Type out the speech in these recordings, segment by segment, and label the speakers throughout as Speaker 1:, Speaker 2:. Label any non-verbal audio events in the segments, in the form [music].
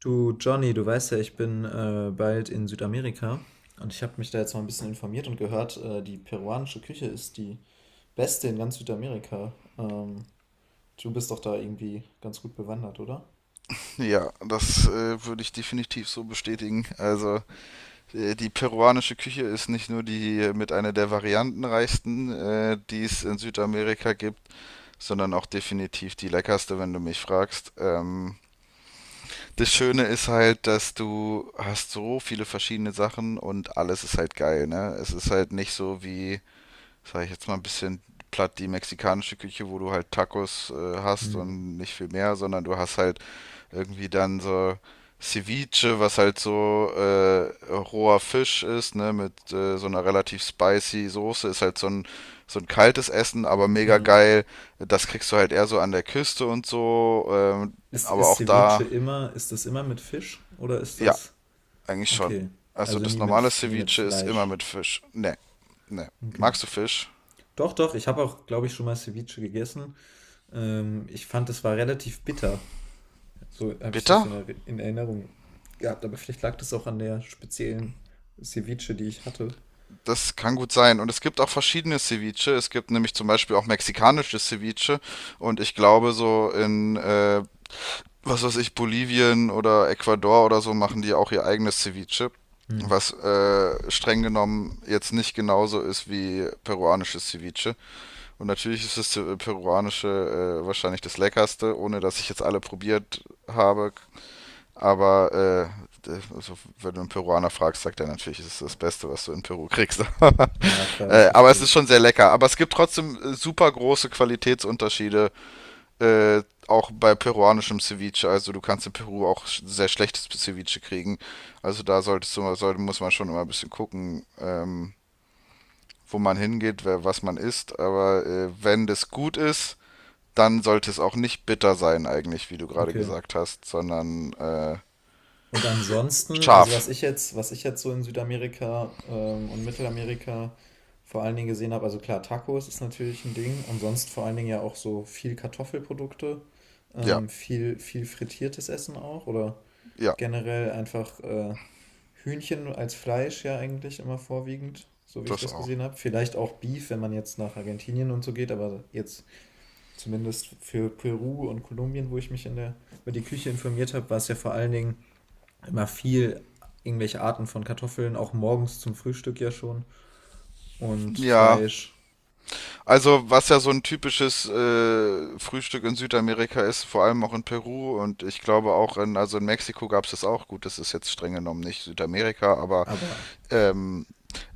Speaker 1: Du, Johnny, du weißt ja, ich bin bald in Südamerika und ich habe mich da jetzt mal ein bisschen informiert und gehört, die peruanische Küche ist die beste in ganz Südamerika. Du bist doch da irgendwie ganz gut bewandert, oder?
Speaker 2: Ja, das würde ich definitiv so bestätigen. Also die peruanische Küche ist nicht nur die mit einer der variantenreichsten, die es in Südamerika gibt, sondern auch definitiv die leckerste, wenn du mich fragst. Das Schöne ist halt, dass du hast so viele verschiedene Sachen und alles ist halt geil, ne? Es ist halt nicht so wie, sag ich jetzt mal ein bisschen platt, die mexikanische Küche, wo du halt Tacos hast
Speaker 1: Hm.
Speaker 2: und nicht viel mehr, sondern du hast halt irgendwie dann so Ceviche, was halt so roher Fisch ist, ne, mit so einer relativ spicy Soße, ist halt so ein kaltes Essen, aber mega
Speaker 1: Ja.
Speaker 2: geil. Das kriegst du halt eher so an der Küste und so,
Speaker 1: Ist,
Speaker 2: aber
Speaker 1: ist
Speaker 2: auch
Speaker 1: Ceviche
Speaker 2: da,
Speaker 1: immer, ist das immer mit Fisch oder ist
Speaker 2: ja,
Speaker 1: das
Speaker 2: eigentlich schon.
Speaker 1: okay?
Speaker 2: Also
Speaker 1: Also
Speaker 2: das
Speaker 1: nie mit,
Speaker 2: normale
Speaker 1: nie mit
Speaker 2: Ceviche ist immer
Speaker 1: Fleisch.
Speaker 2: mit Fisch. Ne, ne.
Speaker 1: Okay.
Speaker 2: Magst du Fisch?
Speaker 1: Doch, doch, ich habe auch, glaube ich, schon mal Ceviche gegessen. Ich fand, es war relativ bitter. So habe ich das
Speaker 2: Bitter?
Speaker 1: in Erinnerung gehabt, aber vielleicht lag das auch an der speziellen Ceviche, die ich hatte.
Speaker 2: Das kann gut sein. Und es gibt auch verschiedene Ceviche. Es gibt nämlich zum Beispiel auch mexikanisches Ceviche. Und ich glaube, so in was weiß ich, Bolivien oder Ecuador oder so machen die auch ihr eigenes Ceviche,
Speaker 1: Hm.
Speaker 2: was streng genommen jetzt nicht genauso ist wie peruanisches Ceviche. Und natürlich ist das peruanische wahrscheinlich das leckerste, ohne dass ich jetzt alle probiert habe. Aber also, wenn du einen Peruaner fragst, sagt er natürlich, es ist das Beste, was du in Peru kriegst.
Speaker 1: Ja,
Speaker 2: [laughs]
Speaker 1: klar, das
Speaker 2: Aber
Speaker 1: verstehe
Speaker 2: es ist
Speaker 1: ich.
Speaker 2: schon sehr lecker. Aber es gibt trotzdem super große Qualitätsunterschiede äh, auch bei peruanischem Ceviche, also du kannst in Peru auch sehr schlechtes Ceviche kriegen. Also da solltest du, sollte, muss man schon immer ein bisschen gucken, wo man hingeht, wer, was man isst. Aber wenn das gut ist, dann sollte es auch nicht bitter sein eigentlich, wie du gerade
Speaker 1: Okay.
Speaker 2: gesagt hast, sondern
Speaker 1: Und ansonsten, also
Speaker 2: scharf.
Speaker 1: was ich jetzt so in Südamerika und Mittelamerika vor allen Dingen gesehen habe, also klar, Tacos ist natürlich ein Ding und sonst vor allen Dingen ja auch so viel Kartoffelprodukte,
Speaker 2: Ja,
Speaker 1: viel frittiertes Essen auch oder
Speaker 2: ja,
Speaker 1: generell einfach Hühnchen als Fleisch ja eigentlich immer vorwiegend, so wie ich
Speaker 2: das
Speaker 1: das
Speaker 2: auch.
Speaker 1: gesehen habe. Vielleicht auch Beef, wenn man jetzt nach Argentinien und so geht, aber jetzt zumindest für Peru und Kolumbien, wo ich mich über die Küche informiert habe, war es ja vor allen Dingen immer viel irgendwelche Arten von Kartoffeln, auch morgens zum Frühstück ja schon und
Speaker 2: Ja,
Speaker 1: Fleisch,
Speaker 2: also, was ja so ein typisches Frühstück in Südamerika ist, vor allem auch in Peru und ich glaube auch in, also in Mexiko gab es das auch. Gut, das ist jetzt streng genommen nicht Südamerika, aber
Speaker 1: aber
Speaker 2: ähm,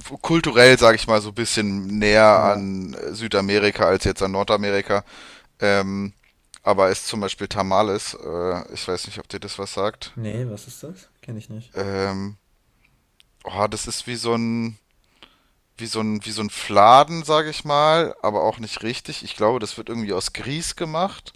Speaker 2: kulturell, sage ich mal, so ein bisschen näher
Speaker 1: ja,
Speaker 2: an Südamerika als jetzt an Nordamerika. Ähm, aber ist zum Beispiel Tamales. Ich weiß nicht, ob dir das was sagt.
Speaker 1: nee, was ist das? Kenne ich nicht.
Speaker 2: Ähm, oh, das ist wie so ein, wie so ein Fladen, sage ich mal, aber auch nicht richtig. Ich glaube, das wird irgendwie aus Grieß gemacht.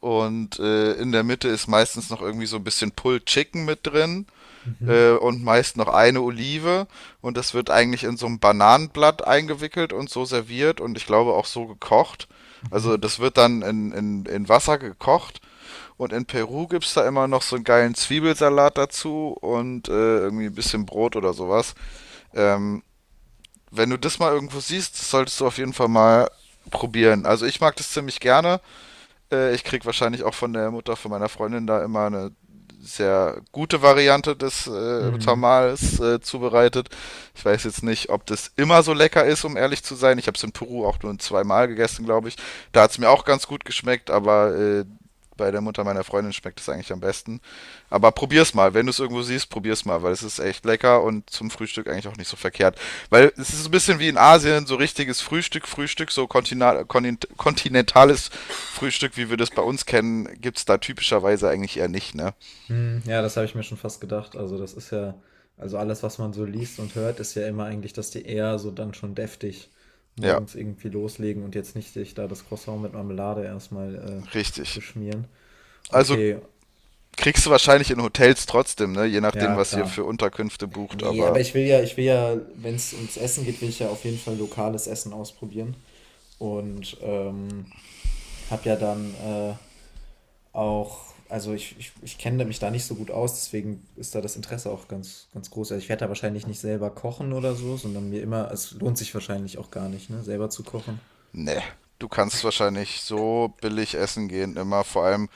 Speaker 2: Und in der Mitte ist meistens noch irgendwie so ein bisschen Pulled Chicken mit drin
Speaker 1: Mhm,
Speaker 2: und meist noch eine Olive. Und das wird eigentlich in so ein Bananenblatt eingewickelt und so serviert und ich glaube auch so gekocht.
Speaker 1: mhm,
Speaker 2: Also das wird dann in Wasser gekocht und in Peru gibt's da immer noch so einen geilen Zwiebelsalat dazu und irgendwie ein bisschen Brot oder sowas. Ähm, wenn du das mal irgendwo siehst, das solltest du auf jeden Fall mal probieren. Also ich mag das ziemlich gerne. Ich krieg wahrscheinlich auch von der Mutter von meiner Freundin da immer eine sehr gute Variante des
Speaker 1: mhm.
Speaker 2: Tamales zubereitet. Ich weiß jetzt nicht, ob das immer so lecker ist, um ehrlich zu sein. Ich habe es in Peru auch nur zweimal gegessen, glaube ich. Da hat es mir auch ganz gut geschmeckt, aber bei der Mutter meiner Freundin schmeckt es eigentlich am besten. Aber probier's mal, wenn du es irgendwo siehst, probier's mal, weil es ist echt lecker und zum Frühstück eigentlich auch nicht so verkehrt. Weil es ist so ein bisschen wie in Asien, so richtiges Frühstück, so kontinentales Frühstück, wie wir das bei uns kennen, gibt es da typischerweise eigentlich eher nicht, ne?
Speaker 1: Hm, ja, das habe ich mir schon fast gedacht. Also das ist ja, also alles, was man so liest und hört, ist ja immer eigentlich, dass die eher so dann schon deftig
Speaker 2: Ja,
Speaker 1: morgens irgendwie loslegen und jetzt nicht sich da das Croissant mit Marmelade erstmal äh,
Speaker 2: richtig.
Speaker 1: beschmieren.
Speaker 2: Also
Speaker 1: Okay,
Speaker 2: kriegst du wahrscheinlich in Hotels trotzdem, ne? Je nachdem,
Speaker 1: ja,
Speaker 2: was ihr für
Speaker 1: klar.
Speaker 2: Unterkünfte bucht,
Speaker 1: Nee, aber
Speaker 2: aber
Speaker 1: ich will ja, wenn es ums Essen geht, will ich ja auf jeden Fall lokales Essen ausprobieren. Und habe ja dann auch, also ich kenne mich da nicht so gut aus, deswegen ist da das Interesse auch ganz groß. Also ich werde da wahrscheinlich nicht selber kochen oder so, sondern mir immer, es lohnt sich wahrscheinlich auch gar nicht, ne, selber zu kochen.
Speaker 2: ne. Du kannst wahrscheinlich so billig essen gehen immer. Vor allem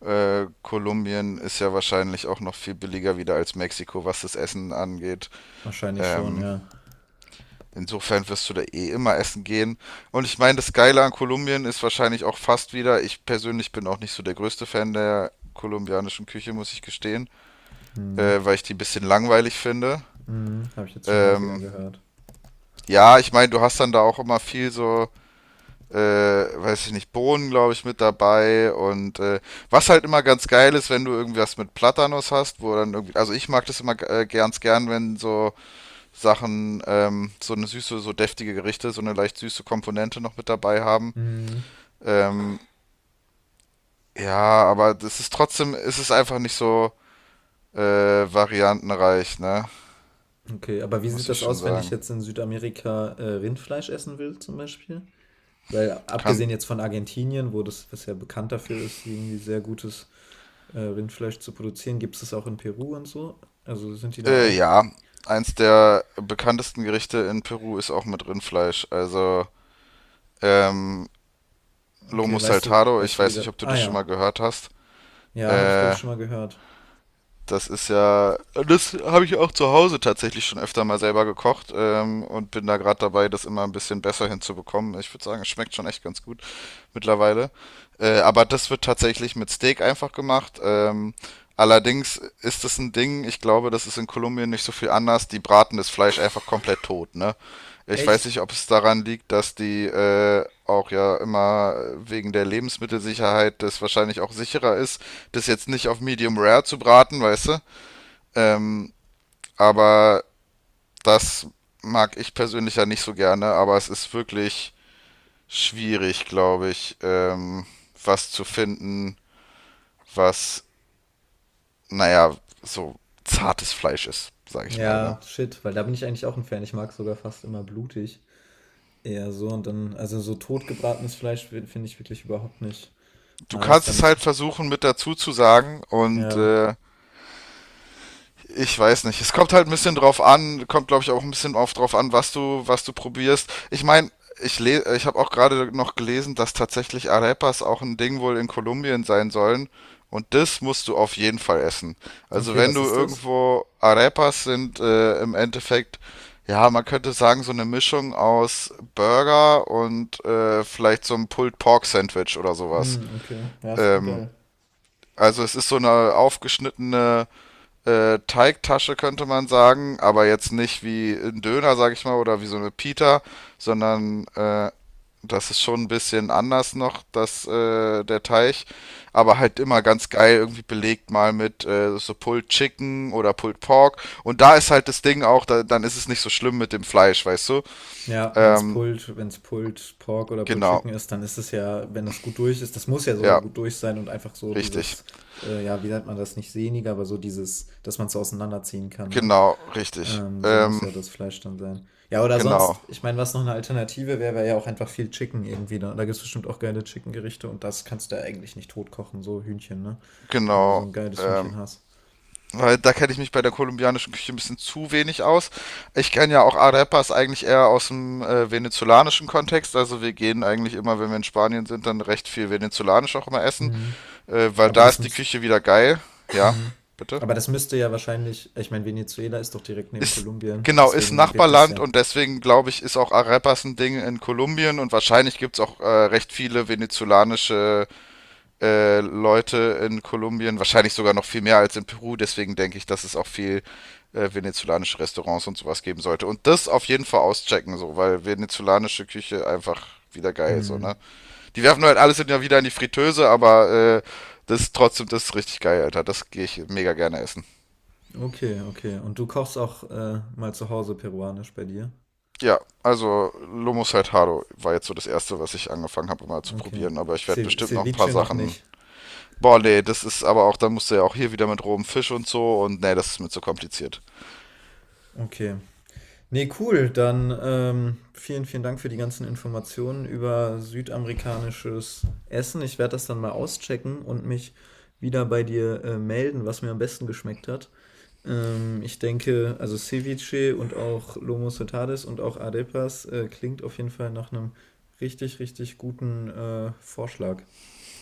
Speaker 2: Kolumbien ist ja wahrscheinlich auch noch viel billiger wieder als Mexiko, was das Essen angeht.
Speaker 1: Wahrscheinlich schon,
Speaker 2: Ähm,
Speaker 1: ja.
Speaker 2: Insofern wirst du da eh immer essen gehen. Und ich meine, das Geile an Kolumbien ist wahrscheinlich auch fast wieder, ich persönlich bin auch nicht so der größte Fan der kolumbianischen Küche, muss ich gestehen,
Speaker 1: Hm,
Speaker 2: weil ich die ein bisschen langweilig finde.
Speaker 1: hm, habe ich jetzt schon häufiger
Speaker 2: Ähm,
Speaker 1: gehört.
Speaker 2: ja, ich meine, du hast dann da auch immer viel so, weiß ich nicht, Bohnen, glaube ich, mit dabei. Und was halt immer ganz geil ist, wenn du irgendwas mit Platanos hast, wo dann irgendwie, also ich mag das immer ganz gern, wenn so Sachen, so eine süße, so deftige Gerichte, so eine leicht süße Komponente noch mit dabei haben.
Speaker 1: Hm,
Speaker 2: Ähm, ja, aber das ist trotzdem, es ist einfach nicht so variantenreich, ne?
Speaker 1: okay, aber wie sieht
Speaker 2: Muss ich
Speaker 1: das
Speaker 2: schon
Speaker 1: aus, wenn ich
Speaker 2: sagen.
Speaker 1: jetzt in Südamerika Rindfleisch essen will, zum Beispiel? Weil
Speaker 2: Kann,
Speaker 1: abgesehen jetzt von Argentinien, wo das bisher bekannt dafür ist, irgendwie sehr gutes Rindfleisch zu produzieren, gibt es das auch in Peru und so? Also sind die da auch?
Speaker 2: ja, eins der bekanntesten Gerichte in Peru ist auch mit Rindfleisch. Also, ähm, Lomo
Speaker 1: Okay,
Speaker 2: Saltado, ich
Speaker 1: weißt du
Speaker 2: weiß nicht,
Speaker 1: wieder.
Speaker 2: ob du
Speaker 1: Ah
Speaker 2: das schon mal
Speaker 1: ja.
Speaker 2: gehört hast.
Speaker 1: Ja, habe ich glaube
Speaker 2: Äh,
Speaker 1: ich schon mal gehört.
Speaker 2: Das ist ja, das habe ich auch zu Hause tatsächlich schon öfter mal selber gekocht und bin da gerade dabei, das immer ein bisschen besser hinzubekommen. Ich würde sagen, es schmeckt schon echt ganz gut mittlerweile. Aber das wird tatsächlich mit Steak einfach gemacht. Allerdings ist das ein Ding, ich glaube, das ist in Kolumbien nicht so viel anders. Die braten das Fleisch einfach komplett tot, ne? Ich weiß nicht,
Speaker 1: Echt?
Speaker 2: ob es daran liegt, dass die auch ja immer wegen der Lebensmittelsicherheit das wahrscheinlich auch sicherer ist, das jetzt nicht auf Medium Rare zu braten, weißt du? Ähm, aber das mag ich persönlich ja nicht so gerne, aber es ist wirklich schwierig, glaube ich, was zu finden, was, naja, so zartes Fleisch ist, sage ich mal. Ne?
Speaker 1: Ja, shit, weil da bin ich eigentlich auch ein Fan. Ich mag sogar fast immer blutig. Eher so und dann, also so totgebratenes Fleisch finde ich wirklich überhaupt nicht
Speaker 2: Du
Speaker 1: nice.
Speaker 2: kannst
Speaker 1: Dann
Speaker 2: es halt
Speaker 1: ist,
Speaker 2: versuchen mit dazu zu sagen und
Speaker 1: ja.
Speaker 2: ich weiß nicht. Es kommt halt ein bisschen drauf an, kommt glaube ich auch ein bisschen auf drauf an, was du probierst. Ich meine, ich habe auch gerade noch gelesen, dass tatsächlich Arepas auch ein Ding wohl in Kolumbien sein sollen. Und das musst du auf jeden Fall essen. Also
Speaker 1: Okay,
Speaker 2: wenn
Speaker 1: was
Speaker 2: du
Speaker 1: ist das?
Speaker 2: irgendwo Arepas sind im Endeffekt, ja, man könnte sagen, so eine Mischung aus Burger und vielleicht so einem Pulled Pork Sandwich oder sowas.
Speaker 1: Mm, okay, ja, das klingt
Speaker 2: Ähm,
Speaker 1: geil.
Speaker 2: also es ist so eine aufgeschnittene Teigtasche könnte man sagen, aber jetzt nicht wie ein Döner, sag ich mal, oder wie so eine Pita, sondern das ist schon ein bisschen anders noch, das, der Teig, aber halt immer ganz geil irgendwie belegt mal mit so Pulled Chicken oder Pulled Pork und da ist halt das Ding auch, da, dann ist es nicht so schlimm mit dem Fleisch, weißt du?
Speaker 1: Ja,
Speaker 2: Ähm,
Speaker 1: Wenn's Pulled Pork oder Pulled
Speaker 2: genau,
Speaker 1: Chicken ist, dann ist es ja, wenn das gut durch ist, das muss ja sogar
Speaker 2: ja,
Speaker 1: gut durch sein und einfach so
Speaker 2: richtig,
Speaker 1: dieses, ja, wie nennt man das, nicht sehniger, aber so dieses, dass man es so auseinanderziehen kann, ne?
Speaker 2: genau, richtig,
Speaker 1: So muss ja das Fleisch dann sein. Ja, oder
Speaker 2: genau,
Speaker 1: sonst, ich meine, was noch eine Alternative wäre, wäre ja auch einfach viel Chicken irgendwie. Da gibt es bestimmt auch geile Chicken-Gerichte und das kannst du ja eigentlich nicht tot kochen, so Hühnchen, ne? Wenn du so
Speaker 2: genau,
Speaker 1: ein geiles Hühnchen
Speaker 2: ähm,
Speaker 1: hast.
Speaker 2: weil da kenne ich mich bei der kolumbianischen Küche ein bisschen zu wenig aus. Ich kenne ja auch Arepas eigentlich eher aus dem venezolanischen Kontext. Also wir gehen eigentlich immer, wenn wir in Spanien sind, dann recht viel venezolanisch auch immer essen.
Speaker 1: Mhm.
Speaker 2: Weil
Speaker 1: Aber
Speaker 2: da
Speaker 1: das
Speaker 2: ist die
Speaker 1: müsste.
Speaker 2: Küche wieder geil. Ja,
Speaker 1: Mhm.
Speaker 2: bitte.
Speaker 1: Aber das müsste ja wahrscheinlich, ich meine, Venezuela ist doch direkt neben
Speaker 2: Ist,
Speaker 1: Kolumbien,
Speaker 2: genau, ist ein
Speaker 1: deswegen wird das
Speaker 2: Nachbarland
Speaker 1: ja.
Speaker 2: und deswegen glaube ich, ist auch Arepas ein Ding in Kolumbien und wahrscheinlich gibt es auch recht viele venezolanische Leute in Kolumbien, wahrscheinlich sogar noch viel mehr als in Peru. Deswegen denke ich, dass es auch viel venezolanische Restaurants und sowas geben sollte. Und das auf jeden Fall auschecken, so, weil venezolanische Küche einfach wieder geil, so,
Speaker 1: Hm.
Speaker 2: ne? Die werfen halt alles immer wieder in die Fritteuse, aber das ist trotzdem, das ist richtig geil, Alter. Das gehe ich mega gerne essen.
Speaker 1: Okay, okay. Und du kochst auch mal zu Hause peruanisch bei dir?
Speaker 2: Ja, also Lomo Saltado war jetzt so das erste, was ich angefangen habe, mal zu
Speaker 1: Okay.
Speaker 2: probieren. Aber ich werde
Speaker 1: Ce
Speaker 2: bestimmt noch ein
Speaker 1: Ceviche
Speaker 2: paar
Speaker 1: noch
Speaker 2: Sachen.
Speaker 1: nicht.
Speaker 2: Boah, nee, das ist aber auch, dann musst du ja auch hier wieder mit rohem Fisch und so und nee, das ist mir zu kompliziert.
Speaker 1: Okay. Nee, cool. Dann vielen Dank für die ganzen Informationen über südamerikanisches Essen. Ich werde das dann mal auschecken und mich wieder bei dir melden, was mir am besten geschmeckt hat. Ich denke, also Ceviche und auch Lomo Saltares und auch Arepas klingt auf jeden Fall nach einem richtig guten Vorschlag.